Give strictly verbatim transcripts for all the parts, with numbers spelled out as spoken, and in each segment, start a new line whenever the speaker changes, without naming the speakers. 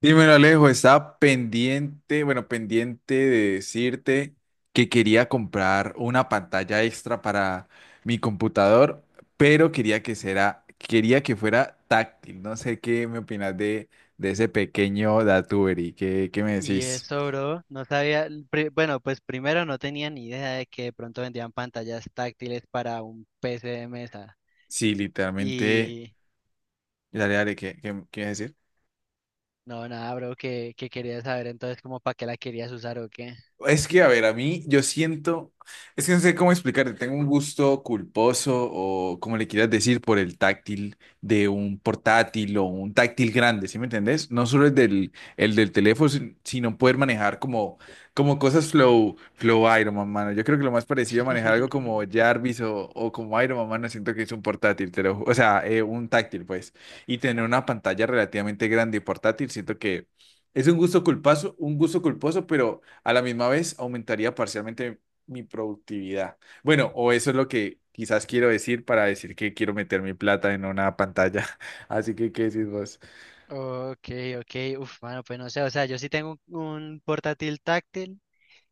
Dímelo, Alejo, estaba pendiente, bueno, pendiente de decirte que quería comprar una pantalla extra para mi computador, pero quería que será, quería que fuera táctil. No sé qué me opinas de, de ese pequeño datuber y qué, qué me
Y
decís.
eso, bro, no sabía, pri- bueno, pues primero no tenía ni idea de que de pronto vendían pantallas táctiles para un P C de mesa.
Sí, literalmente,
Y
dale, dale, ¿qué, qué, qué me decir?
no, nada, bro, que, que quería saber entonces como para qué la querías usar o qué.
Es que, a ver, a mí yo siento, es que no sé cómo explicarte, tengo un gusto culposo o como le quieras decir por el táctil de un portátil o un táctil grande, ¿sí me entendés? No solo el del, el del teléfono, sin- sino poder manejar como, como cosas flow, flow Iron Man, mano. Yo creo que lo más parecido a manejar algo como Jarvis o, o como Iron Man, mano, siento que es un portátil, te lo ju- o sea, eh, un táctil, pues. Y tener una pantalla relativamente grande y portátil, siento que es un gusto culposo un gusto culposo, pero a la misma vez, aumentaría parcialmente mi productividad. Bueno, o eso es lo que quizás quiero decir para decir que quiero meter mi plata en una pantalla. Así que, ¿qué decís vos?
Ok, ok, uf, bueno pues no sé, o sea, yo sí tengo un, un portátil táctil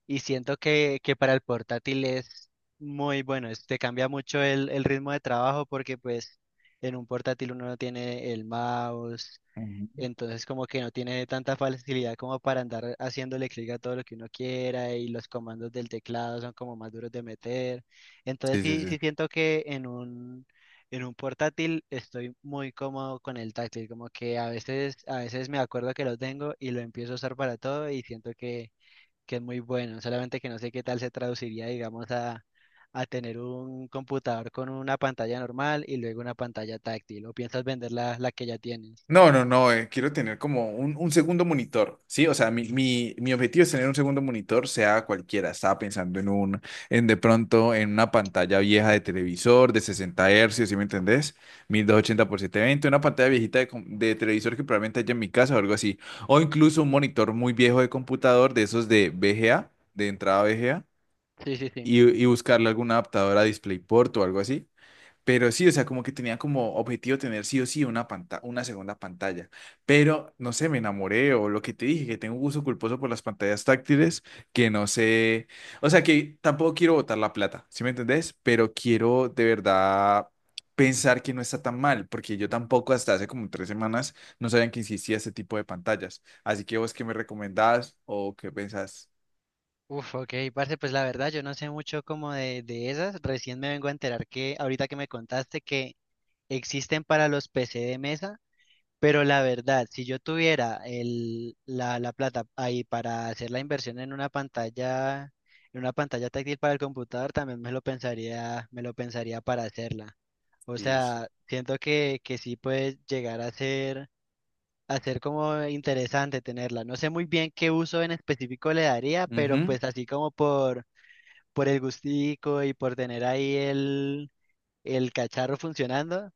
y siento que, que para el portátil es muy bueno, es- te cambia mucho el, el ritmo de trabajo porque pues en un portátil uno no tiene el mouse.
Ujú.
Entonces como que no tiene tanta facilidad como para andar haciéndole clic a todo lo que uno quiera, y los comandos del teclado son como más duros de meter. Entonces
Sí, sí,
sí,
sí.
sí siento que en un, en un portátil estoy muy cómodo con el táctil, como que a veces, a veces me acuerdo que lo tengo y lo empiezo a usar para todo, y siento que, que es muy bueno, solamente que no sé qué tal se traduciría, digamos, a, a tener un computador con una pantalla normal y luego una pantalla táctil, o piensas vender la, la que ya tienes.
No, no, no, eh, quiero tener como un, un segundo monitor, ¿sí? O sea, mi, mi, mi objetivo es tener un segundo monitor, sea cualquiera. Estaba pensando en un, en de pronto, en una pantalla vieja de televisor de sesenta hercios, ¿sí me entendés? mil doscientos ochenta por setecientos veinte, una pantalla viejita de, com- de televisor que probablemente haya en mi casa o algo así. O incluso un monitor muy viejo de computador, de esos de V G A, de entrada V G A,
Sí, sí, sí.
y, y buscarle algún adaptador a DisplayPort o algo así. Pero sí, o sea, como que tenía como objetivo tener sí o sí una panta- una segunda pantalla. Pero no sé, me enamoré o lo que te dije, que tengo un gusto culposo por las pantallas táctiles, que no sé, o sea, que tampoco quiero botar la plata, ¿sí me entendés? Pero quiero de verdad pensar que no está tan mal, porque yo tampoco hasta hace como tres semanas no sabían que existía ese tipo de pantallas. ¿Así que vos qué me recomendás o qué pensás?
Uf, ok, parce, pues la verdad yo no sé mucho como de, de esas. Recién me vengo a enterar que ahorita que me contaste que existen para los P C de mesa, pero la verdad, si yo tuviera el, la, la plata ahí para hacer la inversión en una pantalla, en una pantalla táctil para el computador, también me lo pensaría, me lo pensaría para hacerla. O
Sí, sí.
sea, siento que, que sí puede llegar a ser, a ser como interesante tenerla. No sé muy bien qué uso en específico le daría, pero
Ujú.
pues así como por por el gustico y por tener ahí el, el cacharro funcionando,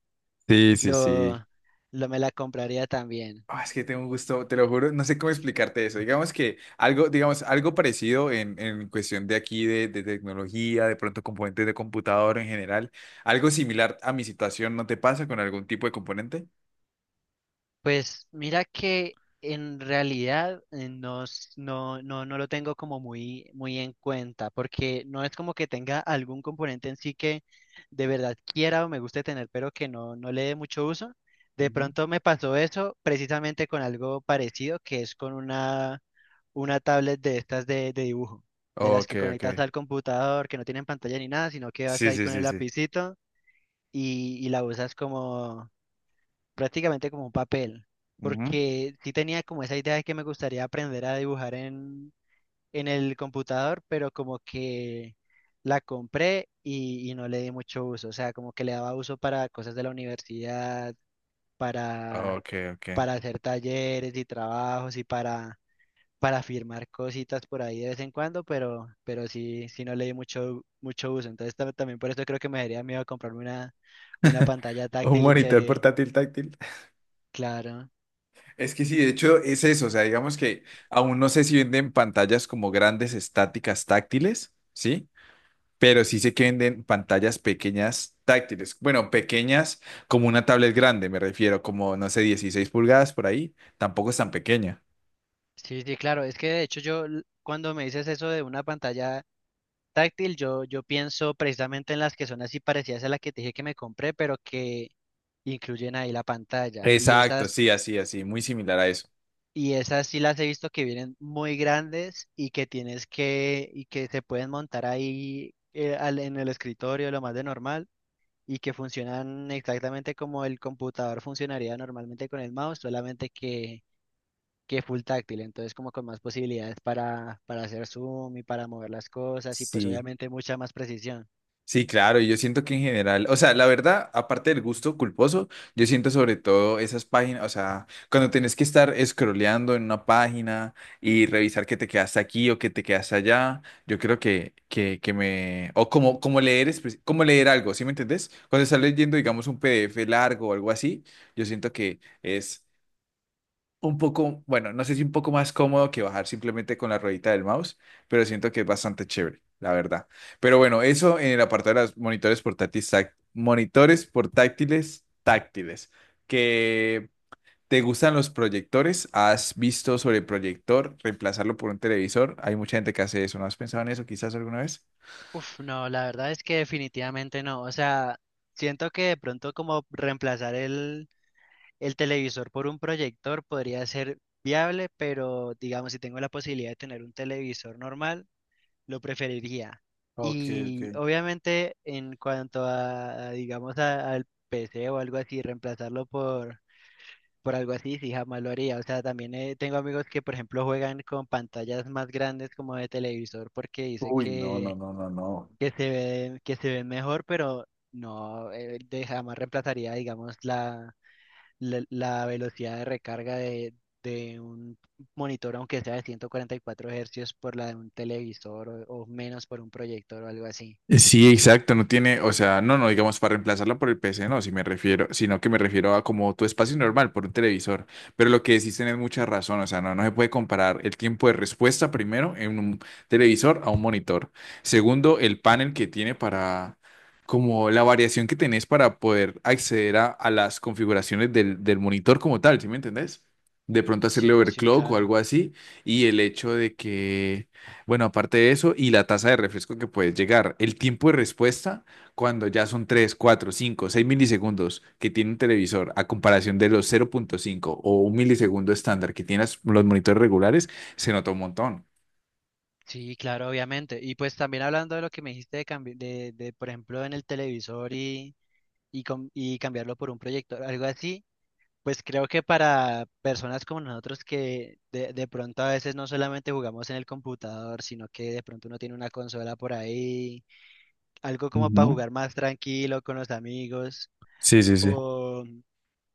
Sí, sí, sí.
lo, lo me la compraría también.
Ah, es que tengo un gusto, te lo juro, no sé cómo explicarte eso. Digamos que algo, digamos, algo parecido en, en cuestión de aquí de, de tecnología, de pronto componentes de computador en general, algo similar a mi situación, ¿no te pasa con algún tipo de componente?
Pues mira que en realidad eh, no, s- no, no, no lo tengo como muy, muy en cuenta, porque no es como que tenga algún componente en sí que de verdad quiera o me guste tener, pero que no, no le dé mucho uso. De
Ujú.
pronto me pasó eso precisamente con algo parecido, que es con una una tablet de estas de, de dibujo, de las
Ok,
que
ok.
conectas al computador, que no tienen pantalla ni nada, sino que vas
Sí,
ahí
sí,
con el
sí, sí.
lapicito y, y la usas como prácticamente como un papel.
Ujú.
Porque sí tenía como esa idea de que me gustaría aprender a dibujar en, en el computador, pero como que la compré y, y no le di mucho uso. O sea, como que le daba uso para cosas de la universidad, para,
Ok, ok.
para hacer talleres y trabajos y para para firmar cositas por ahí de vez en cuando, pero, pero sí, sí no le di mucho, mucho uso. Entonces tam- también por eso creo que me daría miedo comprarme una, una pantalla
Un
táctil y
monitor
que,
portátil táctil.
claro.
Es que sí, de hecho es eso, o sea, digamos que aún no sé si venden pantallas como grandes estáticas táctiles, ¿sí? Pero sí sé que venden pantallas pequeñas táctiles. Bueno, pequeñas como una tablet grande, me refiero, como, no sé, dieciséis pulgadas por ahí. Tampoco es tan pequeña.
Sí, sí, claro. Es que de hecho yo l- cuando me dices eso de una pantalla táctil, yo, yo pienso precisamente en las que son así parecidas a la que te dije que me compré, pero que incluyen ahí la pantalla. Y
Exacto,
estas
sí, así, así, muy similar a eso.
Y esas sí las he visto que vienen muy grandes y que tienes que, y que se pueden montar ahí eh, al- en el escritorio, lo más de normal, y que funcionan exactamente como el computador funcionaría normalmente con el mouse, solamente que, que full táctil, entonces como con más posibilidades para, para hacer zoom y para mover las cosas y pues
Sí.
obviamente mucha más precisión.
Sí, claro, y yo siento que en general, o sea, la verdad, aparte del gusto culposo, yo siento sobre todo esas páginas, o sea, cuando tenés que estar scrolleando en una página y revisar que te quedaste aquí o que te quedaste allá, yo creo que, que, que me, o como, como leer, espe- como leer algo, ¿sí me entendés? Cuando estás leyendo, digamos, un P D F largo o algo así, yo siento que es un poco, bueno, no sé si un poco más cómodo que bajar simplemente con la ruedita del mouse, pero siento que es bastante chévere, la verdad. Pero bueno, eso en el apartado de los monitores portátiles, táct- monitores portátiles táctiles, que te gustan los proyectores, has visto sobre el proyector, reemplazarlo por un televisor, hay mucha gente que hace eso, ¿no has pensado en eso quizás alguna vez?
Uf, no, la verdad es que definitivamente no, o sea, siento que de pronto como reemplazar el el televisor por un proyector podría ser viable, pero digamos, si tengo la posibilidad de tener un televisor normal, lo preferiría.
Ok, ok.
Y obviamente en cuanto a, a, digamos, a- al P C o algo así, reemplazarlo por, por algo así, sí, jamás lo haría. O sea, también eh, tengo amigos que, por ejemplo, juegan con pantallas más grandes como de televisor porque dice
Uy, no, no,
que,
no, no, no.
que se ve, que se ven mejor, pero no, eh, de- jamás reemplazaría, digamos, la la, la velocidad de recarga de, de un monitor, aunque sea de ciento cuarenta y cuatro hercios, por la de un televisor o, o menos por un proyector o algo así.
Eh, Sí, exacto, no tiene, o sea, no, no digamos para reemplazarla por el P C, no, si me refiero, sino que me refiero a como tu espacio normal por un televisor. Pero lo que decís tenés mucha razón, o sea, no, no se puede comparar el tiempo de respuesta primero en un televisor a un monitor. Segundo, el panel que tiene para, como la variación que tenés para poder acceder a, a las configuraciones del, del monitor como tal, ¿sí me entendés? De pronto hacerle
Sí, sí,
overclock o
claro.
algo así, y el hecho de que bueno, aparte de eso, y la tasa de refresco que puedes llegar, el tiempo de respuesta cuando ya son tres, cuatro, cinco, seis milisegundos que tiene un televisor a comparación de los cero punto cinco o un milisegundo estándar que tienen los monitores regulares, se nota un montón.
Sí, claro, obviamente. Y pues también hablando de lo que me dijiste de, cambi- de, de, por ejemplo, en el televisor y, y, com- y cambiarlo por un proyector, algo así, pues creo que para personas como nosotros que de, de pronto a veces no solamente jugamos en el computador, sino que de pronto uno tiene una consola por ahí algo como
Ujú.
para jugar más tranquilo con los amigos
Sí, sí, sí.
o,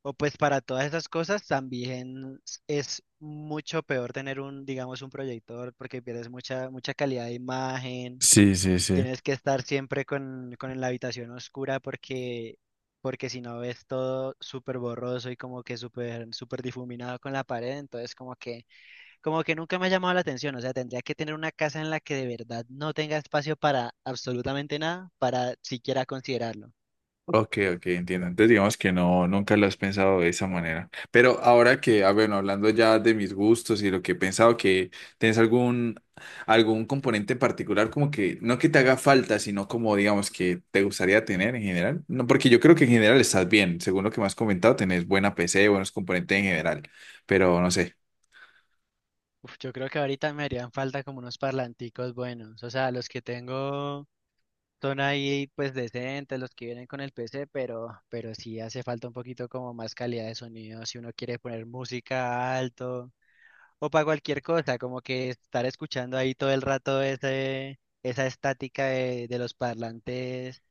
o pues para todas esas cosas también s- es mucho peor tener un, digamos, un proyector porque pierdes mucha, mucha calidad de imagen,
Sí, sí, sí.
tienes que estar siempre con, con la habitación oscura porque, porque si no ves todo súper borroso y como que súper, súper difuminado con la pared, entonces como que como que nunca me ha llamado la atención, o sea, tendría que tener una casa en la que de verdad no tenga espacio para absolutamente nada, para siquiera considerarlo.
Ok, ok, entiendo. Entonces digamos que no, nunca lo has pensado de esa manera. Pero ahora que, ah, bueno, hablando ya de mis gustos y lo que he pensado, que tienes algún, algún, componente en particular como que, no que te haga falta, sino como digamos que te gustaría tener en general. No, porque yo creo que en general estás bien. Según lo que me has comentado, tenés buena P C, buenos componentes en general. Pero no sé.
Uf, yo creo que ahorita me harían falta como unos parlanticos buenos, o sea, los que tengo son ahí pues decentes, los que vienen con el P C, pero, pero sí hace falta un poquito como más calidad de sonido, si uno quiere poner música alto o para cualquier cosa, como que estar escuchando ahí todo el rato ese, esa estática de de los parlantes.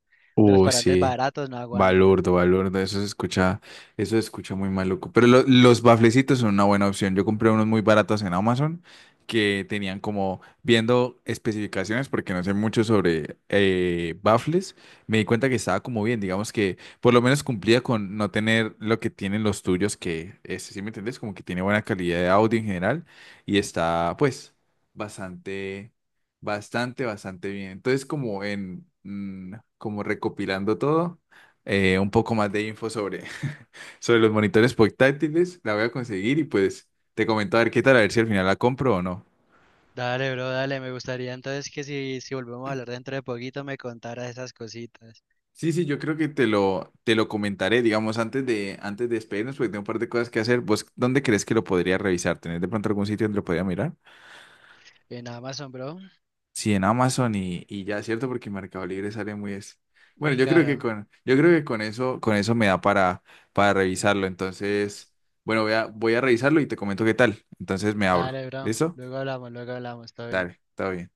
De los
Uh,
parlantes
sí.
baratos no aguanta.
Balurdo, balurdo, eso se escucha, eso se escucha muy maluco. Pero lo- los baflecitos son una buena opción. Yo compré unos muy baratos en Amazon que tenían como viendo especificaciones, porque no sé mucho sobre eh, bafles, me di cuenta que estaba como bien, digamos que por lo menos cumplía con no tener lo que tienen los tuyos, que es, sí me entiendes, como que tiene buena calidad de audio en general y está pues bastante... Bastante, bastante bien. Entonces, como en, mm, como recopilando todo, eh, un poco más de info sobre, sobre los monitores portátiles. La voy a conseguir y pues te comento a ver qué tal, a ver si al final la compro o no.
Dale, bro, dale. Me gustaría entonces que si, si volvemos a hablar dentro de poquito me contaras esas cositas.
Sí, sí, yo creo que te lo, te lo comentaré, digamos, antes de, antes de despedirnos, porque tengo un par de cosas que hacer. ¿Vos dónde crees que lo podría revisar? ¿Tenés de pronto algún sitio donde lo podría mirar?
Eh, En Amazon, bro,
Sí, en Amazon y, y ya, ¿cierto? Porque Mercado Libre sale muy. es- Bueno,
muy
yo creo que
caro.
con, yo creo que con eso, con eso me da para, para revisarlo. Entonces, bueno, voy a, voy a revisarlo y te comento qué tal. Entonces me abro.
Dale, bro.
¿Listo?
Luego hablamos, luego hablamos. Todo bien.
Dale, todo bien.